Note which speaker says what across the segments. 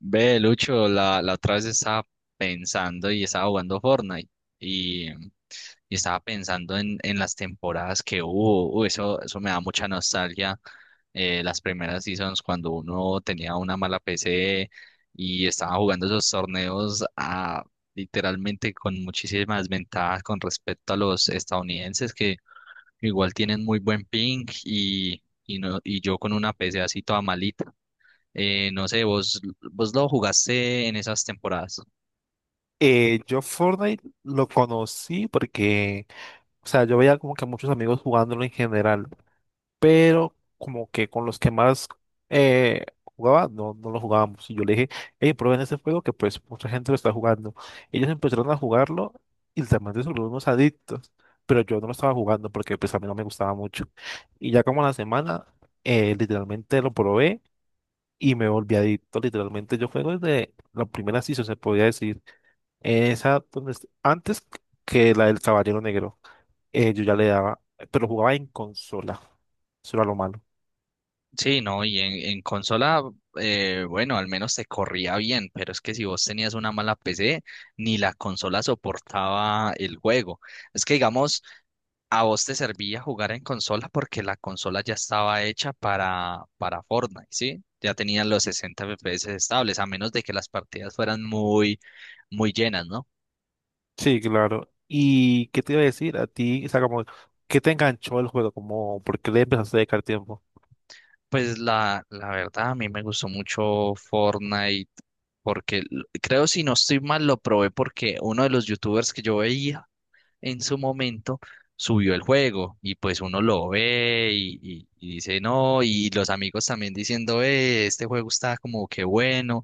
Speaker 1: Ve, Lucho, la otra vez estaba pensando y estaba jugando Fortnite y estaba pensando en las temporadas que hubo. Uy, eso me da mucha nostalgia. Las primeras seasons cuando uno tenía una mala PC y estaba jugando esos torneos a, literalmente con muchísimas ventajas con respecto a los estadounidenses que igual tienen muy buen ping y, no, y yo con una PC así toda malita. No sé, vos lo jugaste en esas temporadas.
Speaker 2: Yo Fortnite lo conocí porque, o sea, yo veía como que muchos amigos jugándolo en general, pero como que con los que más eh, jugaba, no, no lo jugábamos. Y yo le dije, hey, prueben ese juego que pues mucha gente lo está jugando. Ellos empezaron a jugarlo y literalmente se volvieron unos adictos, pero yo no lo estaba jugando porque pues a mí no me gustaba mucho. Y ya como a la semana, literalmente lo probé y me volví adicto. Literalmente yo juego desde la primera season, se podía decir. Esa donde antes que la del Caballero Negro, yo ya le daba, pero jugaba en consola. Eso era lo malo.
Speaker 1: Sí, no, y en consola, bueno, al menos te corría bien, pero es que si vos tenías una mala PC, ni la consola soportaba el juego. Es que, digamos, a vos te servía jugar en consola porque la consola ya estaba hecha para Fortnite, ¿sí? Ya tenían los 60 FPS estables, a menos de que las partidas fueran muy llenas, ¿no?
Speaker 2: Sí, claro. ¿Y qué te iba a decir a ti? O sea, como, ¿qué te enganchó el juego? Como, ¿por qué le empezaste a dedicar tiempo?
Speaker 1: Pues la verdad, a mí me gustó mucho Fortnite, porque creo, si no estoy mal, lo probé porque uno de los youtubers que yo veía en su momento subió el juego y pues uno lo ve y, y dice no, y los amigos también diciendo, este juego está como que bueno,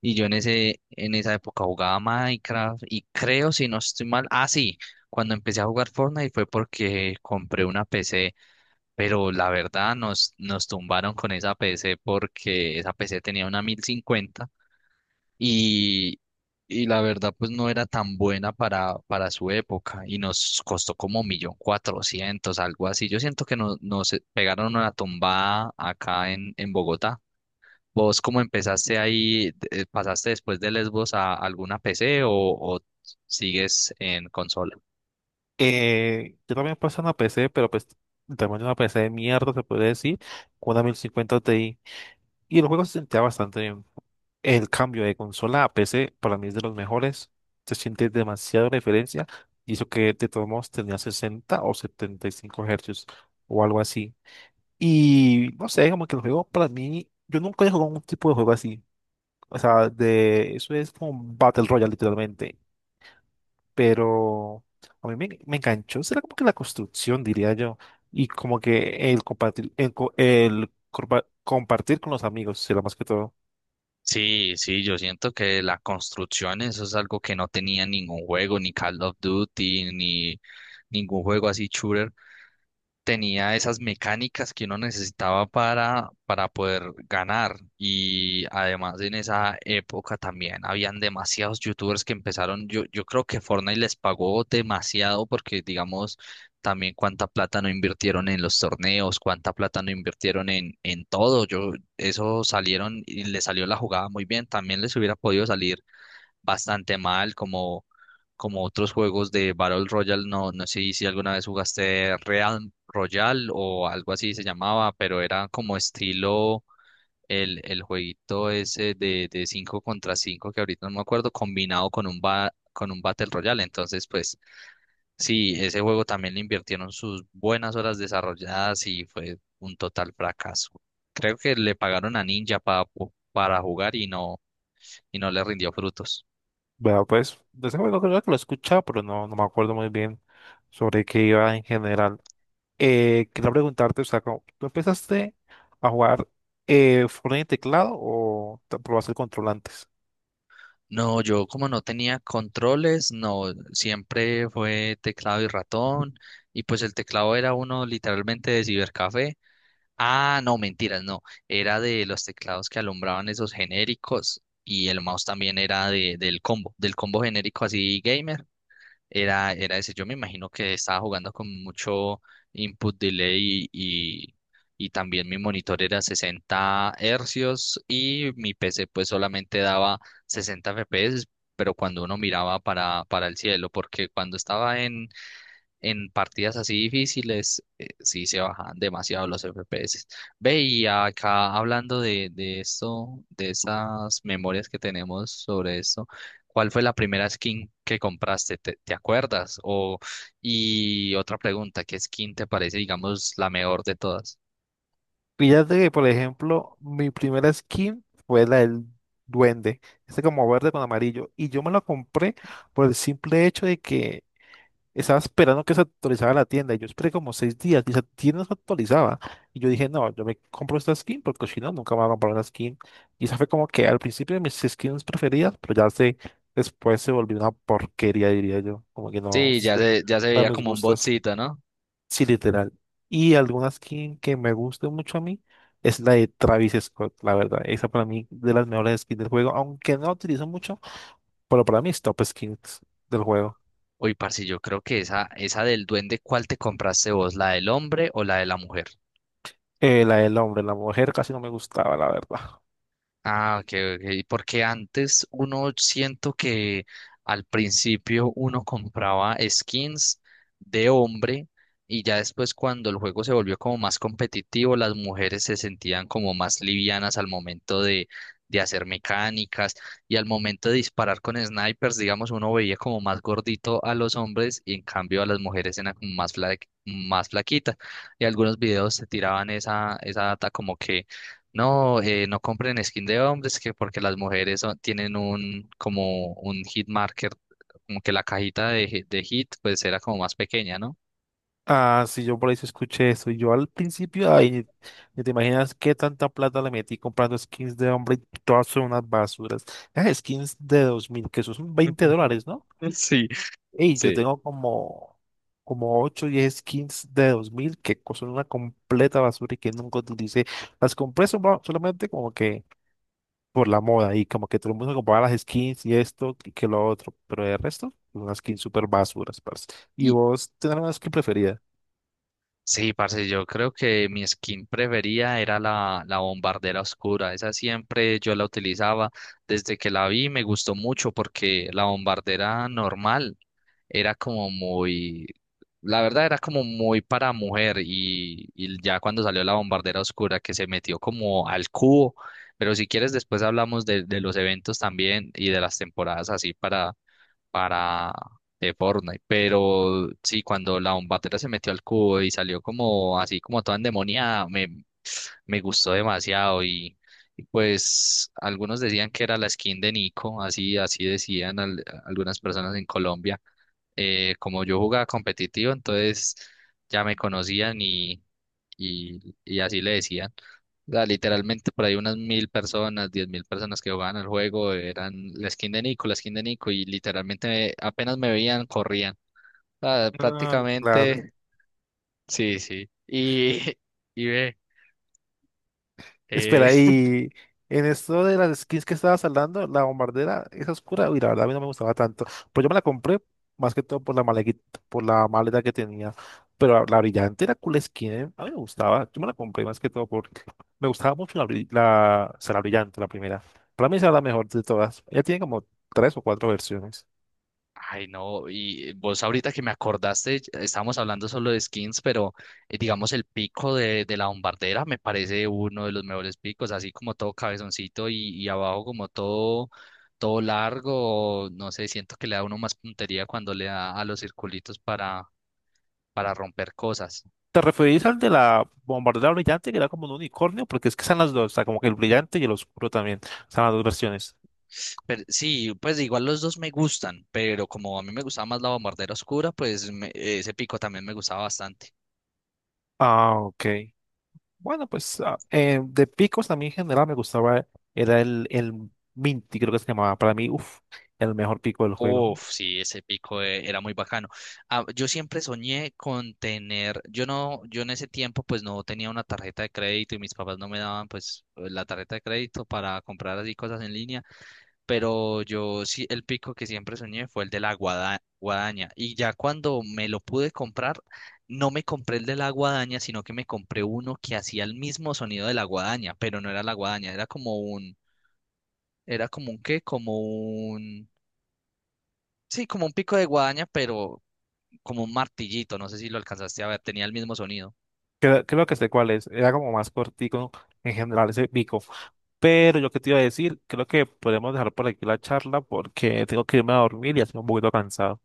Speaker 1: y yo en en esa época jugaba Minecraft y creo, si no estoy mal, ah, sí, cuando empecé a jugar Fortnite fue porque compré una PC, pero la verdad nos tumbaron con esa PC porque esa PC tenía una 1050 y, y la verdad pues no era tan buena para su época y nos costó como 1.400.000, algo así. Yo siento que nos pegaron una tumbada acá en Bogotá. ¿Vos cómo empezaste ahí? ¿Pasaste después de Lesbos a alguna PC o sigues en consola?
Speaker 2: Yo también pasé una PC, pero pues también una PC de mierda, se puede decir, con una 1050 Ti. Y el juego se sentía bastante bien. El cambio de consola a PC para mí es de los mejores. Se siente demasiado diferencia. Y eso que de todos modos tenía 60 o 75 hercios o algo así. Y no sé, como que el juego para mí, yo nunca he jugado un tipo de juego así. O sea, de eso es como un Battle Royale literalmente. Pero a mí me enganchó. Será como que la construcción, diría yo. Y como que el compartir, el, co- el corpa- compartir con los amigos será más que todo.
Speaker 1: Sí, sí, yo siento que la construcción, eso es algo que no tenía ningún juego, ni Call of Duty, ni ningún juego así shooter tenía esas mecánicas que uno necesitaba para poder ganar. Y además en esa época también habían demasiados youtubers que empezaron, yo creo que Fortnite les pagó demasiado porque digamos también cuánta plata no invirtieron en los torneos, cuánta plata no invirtieron en todo. Yo, eso salieron y les salió la jugada muy bien. También les hubiera podido salir bastante mal, como otros juegos de Battle Royale. No, no sé si alguna vez jugaste Real Royale o algo así se llamaba, pero era como estilo el jueguito ese de 5 contra 5 que ahorita no me acuerdo, combinado con un con un Battle Royale. Entonces, pues sí, ese juego también le invirtieron sus buenas horas desarrolladas y fue un total fracaso. Creo que le pagaron a Ninja para jugar y no le rindió frutos.
Speaker 2: Bueno, pues, de ese juego creo que lo he escuchado, pero no, no me acuerdo muy bien sobre qué iba en general. Quería preguntarte, o sea, ¿tú empezaste a jugar Fortnite en teclado o te probaste el control antes?
Speaker 1: No, yo como no tenía controles, no, siempre fue teclado y ratón, y pues el teclado era uno literalmente de cibercafé. Ah, no, mentiras, no, era de los teclados que alumbraban esos genéricos, y el mouse también era de, del combo genérico así gamer, era ese. Yo me imagino que estaba jugando con mucho input delay y también mi monitor era 60 hercios y mi PC pues solamente daba 60 FPS, pero cuando uno miraba para el cielo, porque cuando estaba en partidas así difíciles, sí se bajan demasiado los FPS. Ve, y acá hablando de esto, de esas memorias que tenemos sobre esto, ¿cuál fue la primera skin que compraste? ¿Te, te acuerdas? O, y otra pregunta, ¿qué skin te parece, digamos, la mejor de todas?
Speaker 2: Fíjate que, por ejemplo, mi primera skin fue la del duende, este como verde con amarillo, y yo me la compré por el simple hecho de que estaba esperando que se actualizara la tienda y yo esperé como 6 días y esa tienda no se actualizaba. Y yo dije, no, yo me compro esta skin porque si no, nunca me voy a comprar una skin. Y esa fue como que al principio de mis skins preferidas, pero después se volvió una porquería, diría yo. Como que no
Speaker 1: Sí,
Speaker 2: sé,
Speaker 1: ya se
Speaker 2: para
Speaker 1: veía
Speaker 2: mis
Speaker 1: como un
Speaker 2: gustos.
Speaker 1: botcito, ¿no?
Speaker 2: Sí, literal. Y alguna skin que me guste mucho a mí es la de Travis Scott, la verdad. Esa para mí de las mejores skins del juego, aunque no la utilizo mucho, pero para mí es top skins del juego.
Speaker 1: Uy, parce, yo creo que esa del duende, ¿cuál te compraste vos? ¿La del hombre o la de la mujer?
Speaker 2: La del hombre, la mujer casi no me gustaba, la verdad.
Speaker 1: Ah, ok, ok. Porque antes uno siento que al principio uno compraba skins de hombre y ya después cuando el juego se volvió como más competitivo, las mujeres se sentían como más livianas al momento de hacer mecánicas y al momento de disparar con snipers, digamos, uno veía como más gordito a los hombres y en cambio a las mujeres eran como más, más flaquitas. Y algunos videos se tiraban esa, esa data como que no, no compren skin de hombres que porque las mujeres tienen un como un hit marker, como que la cajita de, de hit pues era como más pequeña, ¿no?
Speaker 2: Ah, sí, yo por ahí sí escuché eso. Y yo al principio, ay, ni te imaginas qué tanta plata le metí comprando skins de hombre y todas son unas basuras. Esas skins de 2000 que eso son $20, ¿no?
Speaker 1: Sí,
Speaker 2: Y yo
Speaker 1: sí.
Speaker 2: tengo como, como 8 o 10 skins de 2000 que son una completa basura y que nunca utilicé. Las compré solamente como que por la moda y como que todo el mundo compraba las skins y esto y que lo otro, pero el resto, unas skins súper basuras, parce. ¿Y
Speaker 1: Y
Speaker 2: vos tenés una skin preferida?
Speaker 1: sí, parce, yo creo que mi skin preferida era la bombardera oscura. Esa siempre yo la utilizaba. Desde que la vi me gustó mucho porque la bombardera normal era como muy, la verdad era como muy para mujer y ya cuando salió la bombardera oscura que se metió como al cubo, pero si quieres después hablamos de los eventos también y de las temporadas así para de Fortnite, pero sí, cuando la bombardera se metió al cubo y salió como así como toda endemoniada, me gustó demasiado y... Y pues algunos decían que era la skin de Nico, así, así decían algunas personas en Colombia. Eh, como yo jugaba competitivo, entonces ya me conocían y así le decían. O sea, literalmente por ahí unas 1000 personas, 10.000 personas que jugaban el juego eran la skin de Nico, la skin de Nico, y literalmente apenas me veían, corrían. O sea,
Speaker 2: Ah, claro.
Speaker 1: prácticamente, sí, sí. Y, y ve, eh,
Speaker 2: Espera, y en esto de las skins que estabas hablando, la bombardera es oscura. Uy, la verdad a mí no me gustaba tanto. Pues yo me la compré más que todo por la maleta que tenía. Pero la brillante era cool skin, ¿eh? A mí me gustaba. Yo me la compré más que todo porque me gustaba mucho o sea, la brillante, la primera. Para mí esa era la mejor de todas. Ella tiene como tres o cuatro versiones.
Speaker 1: ay, no, y vos ahorita que me acordaste, estábamos hablando solo de skins, pero digamos el pico de la bombardera me parece uno de los mejores picos, así como todo cabezoncito y abajo como todo, todo largo, no sé, siento que le da uno más puntería cuando le da a los circulitos para romper cosas.
Speaker 2: ¿Te referís al de la bombardera brillante que era como un unicornio? Porque es que están las dos, o sea, como que el brillante y el oscuro también. Están las dos versiones.
Speaker 1: Pero sí, pues igual los dos me gustan, pero como a mí me gustaba más la bombardera oscura, pues ese pico también me gustaba bastante.
Speaker 2: Ah, ok. Bueno, pues de picos a mí en general me gustaba, era el Minty, creo que se llamaba. Para mí, uff, el mejor pico del juego.
Speaker 1: Uf, sí, ese pico era muy bacano. Ah, yo siempre soñé con tener, yo no, yo en ese tiempo pues no tenía una tarjeta de crédito y mis papás no me daban pues la tarjeta de crédito para comprar así cosas en línea, pero yo sí, el pico que siempre soñé fue el de la guadaña y ya cuando me lo pude comprar, no me compré el de la guadaña, sino que me compré uno que hacía el mismo sonido de la guadaña, pero no era la guadaña, era como un qué, como un... Sí, como un pico de guadaña, pero como un martillito, no sé si lo alcanzaste a ver, tenía el mismo sonido.
Speaker 2: Creo que sé cuál es. Era como más cortico en general ese pico. Pero yo que te iba a decir, creo que podemos dejar por aquí la charla porque tengo que irme a dormir y estoy un poquito cansado.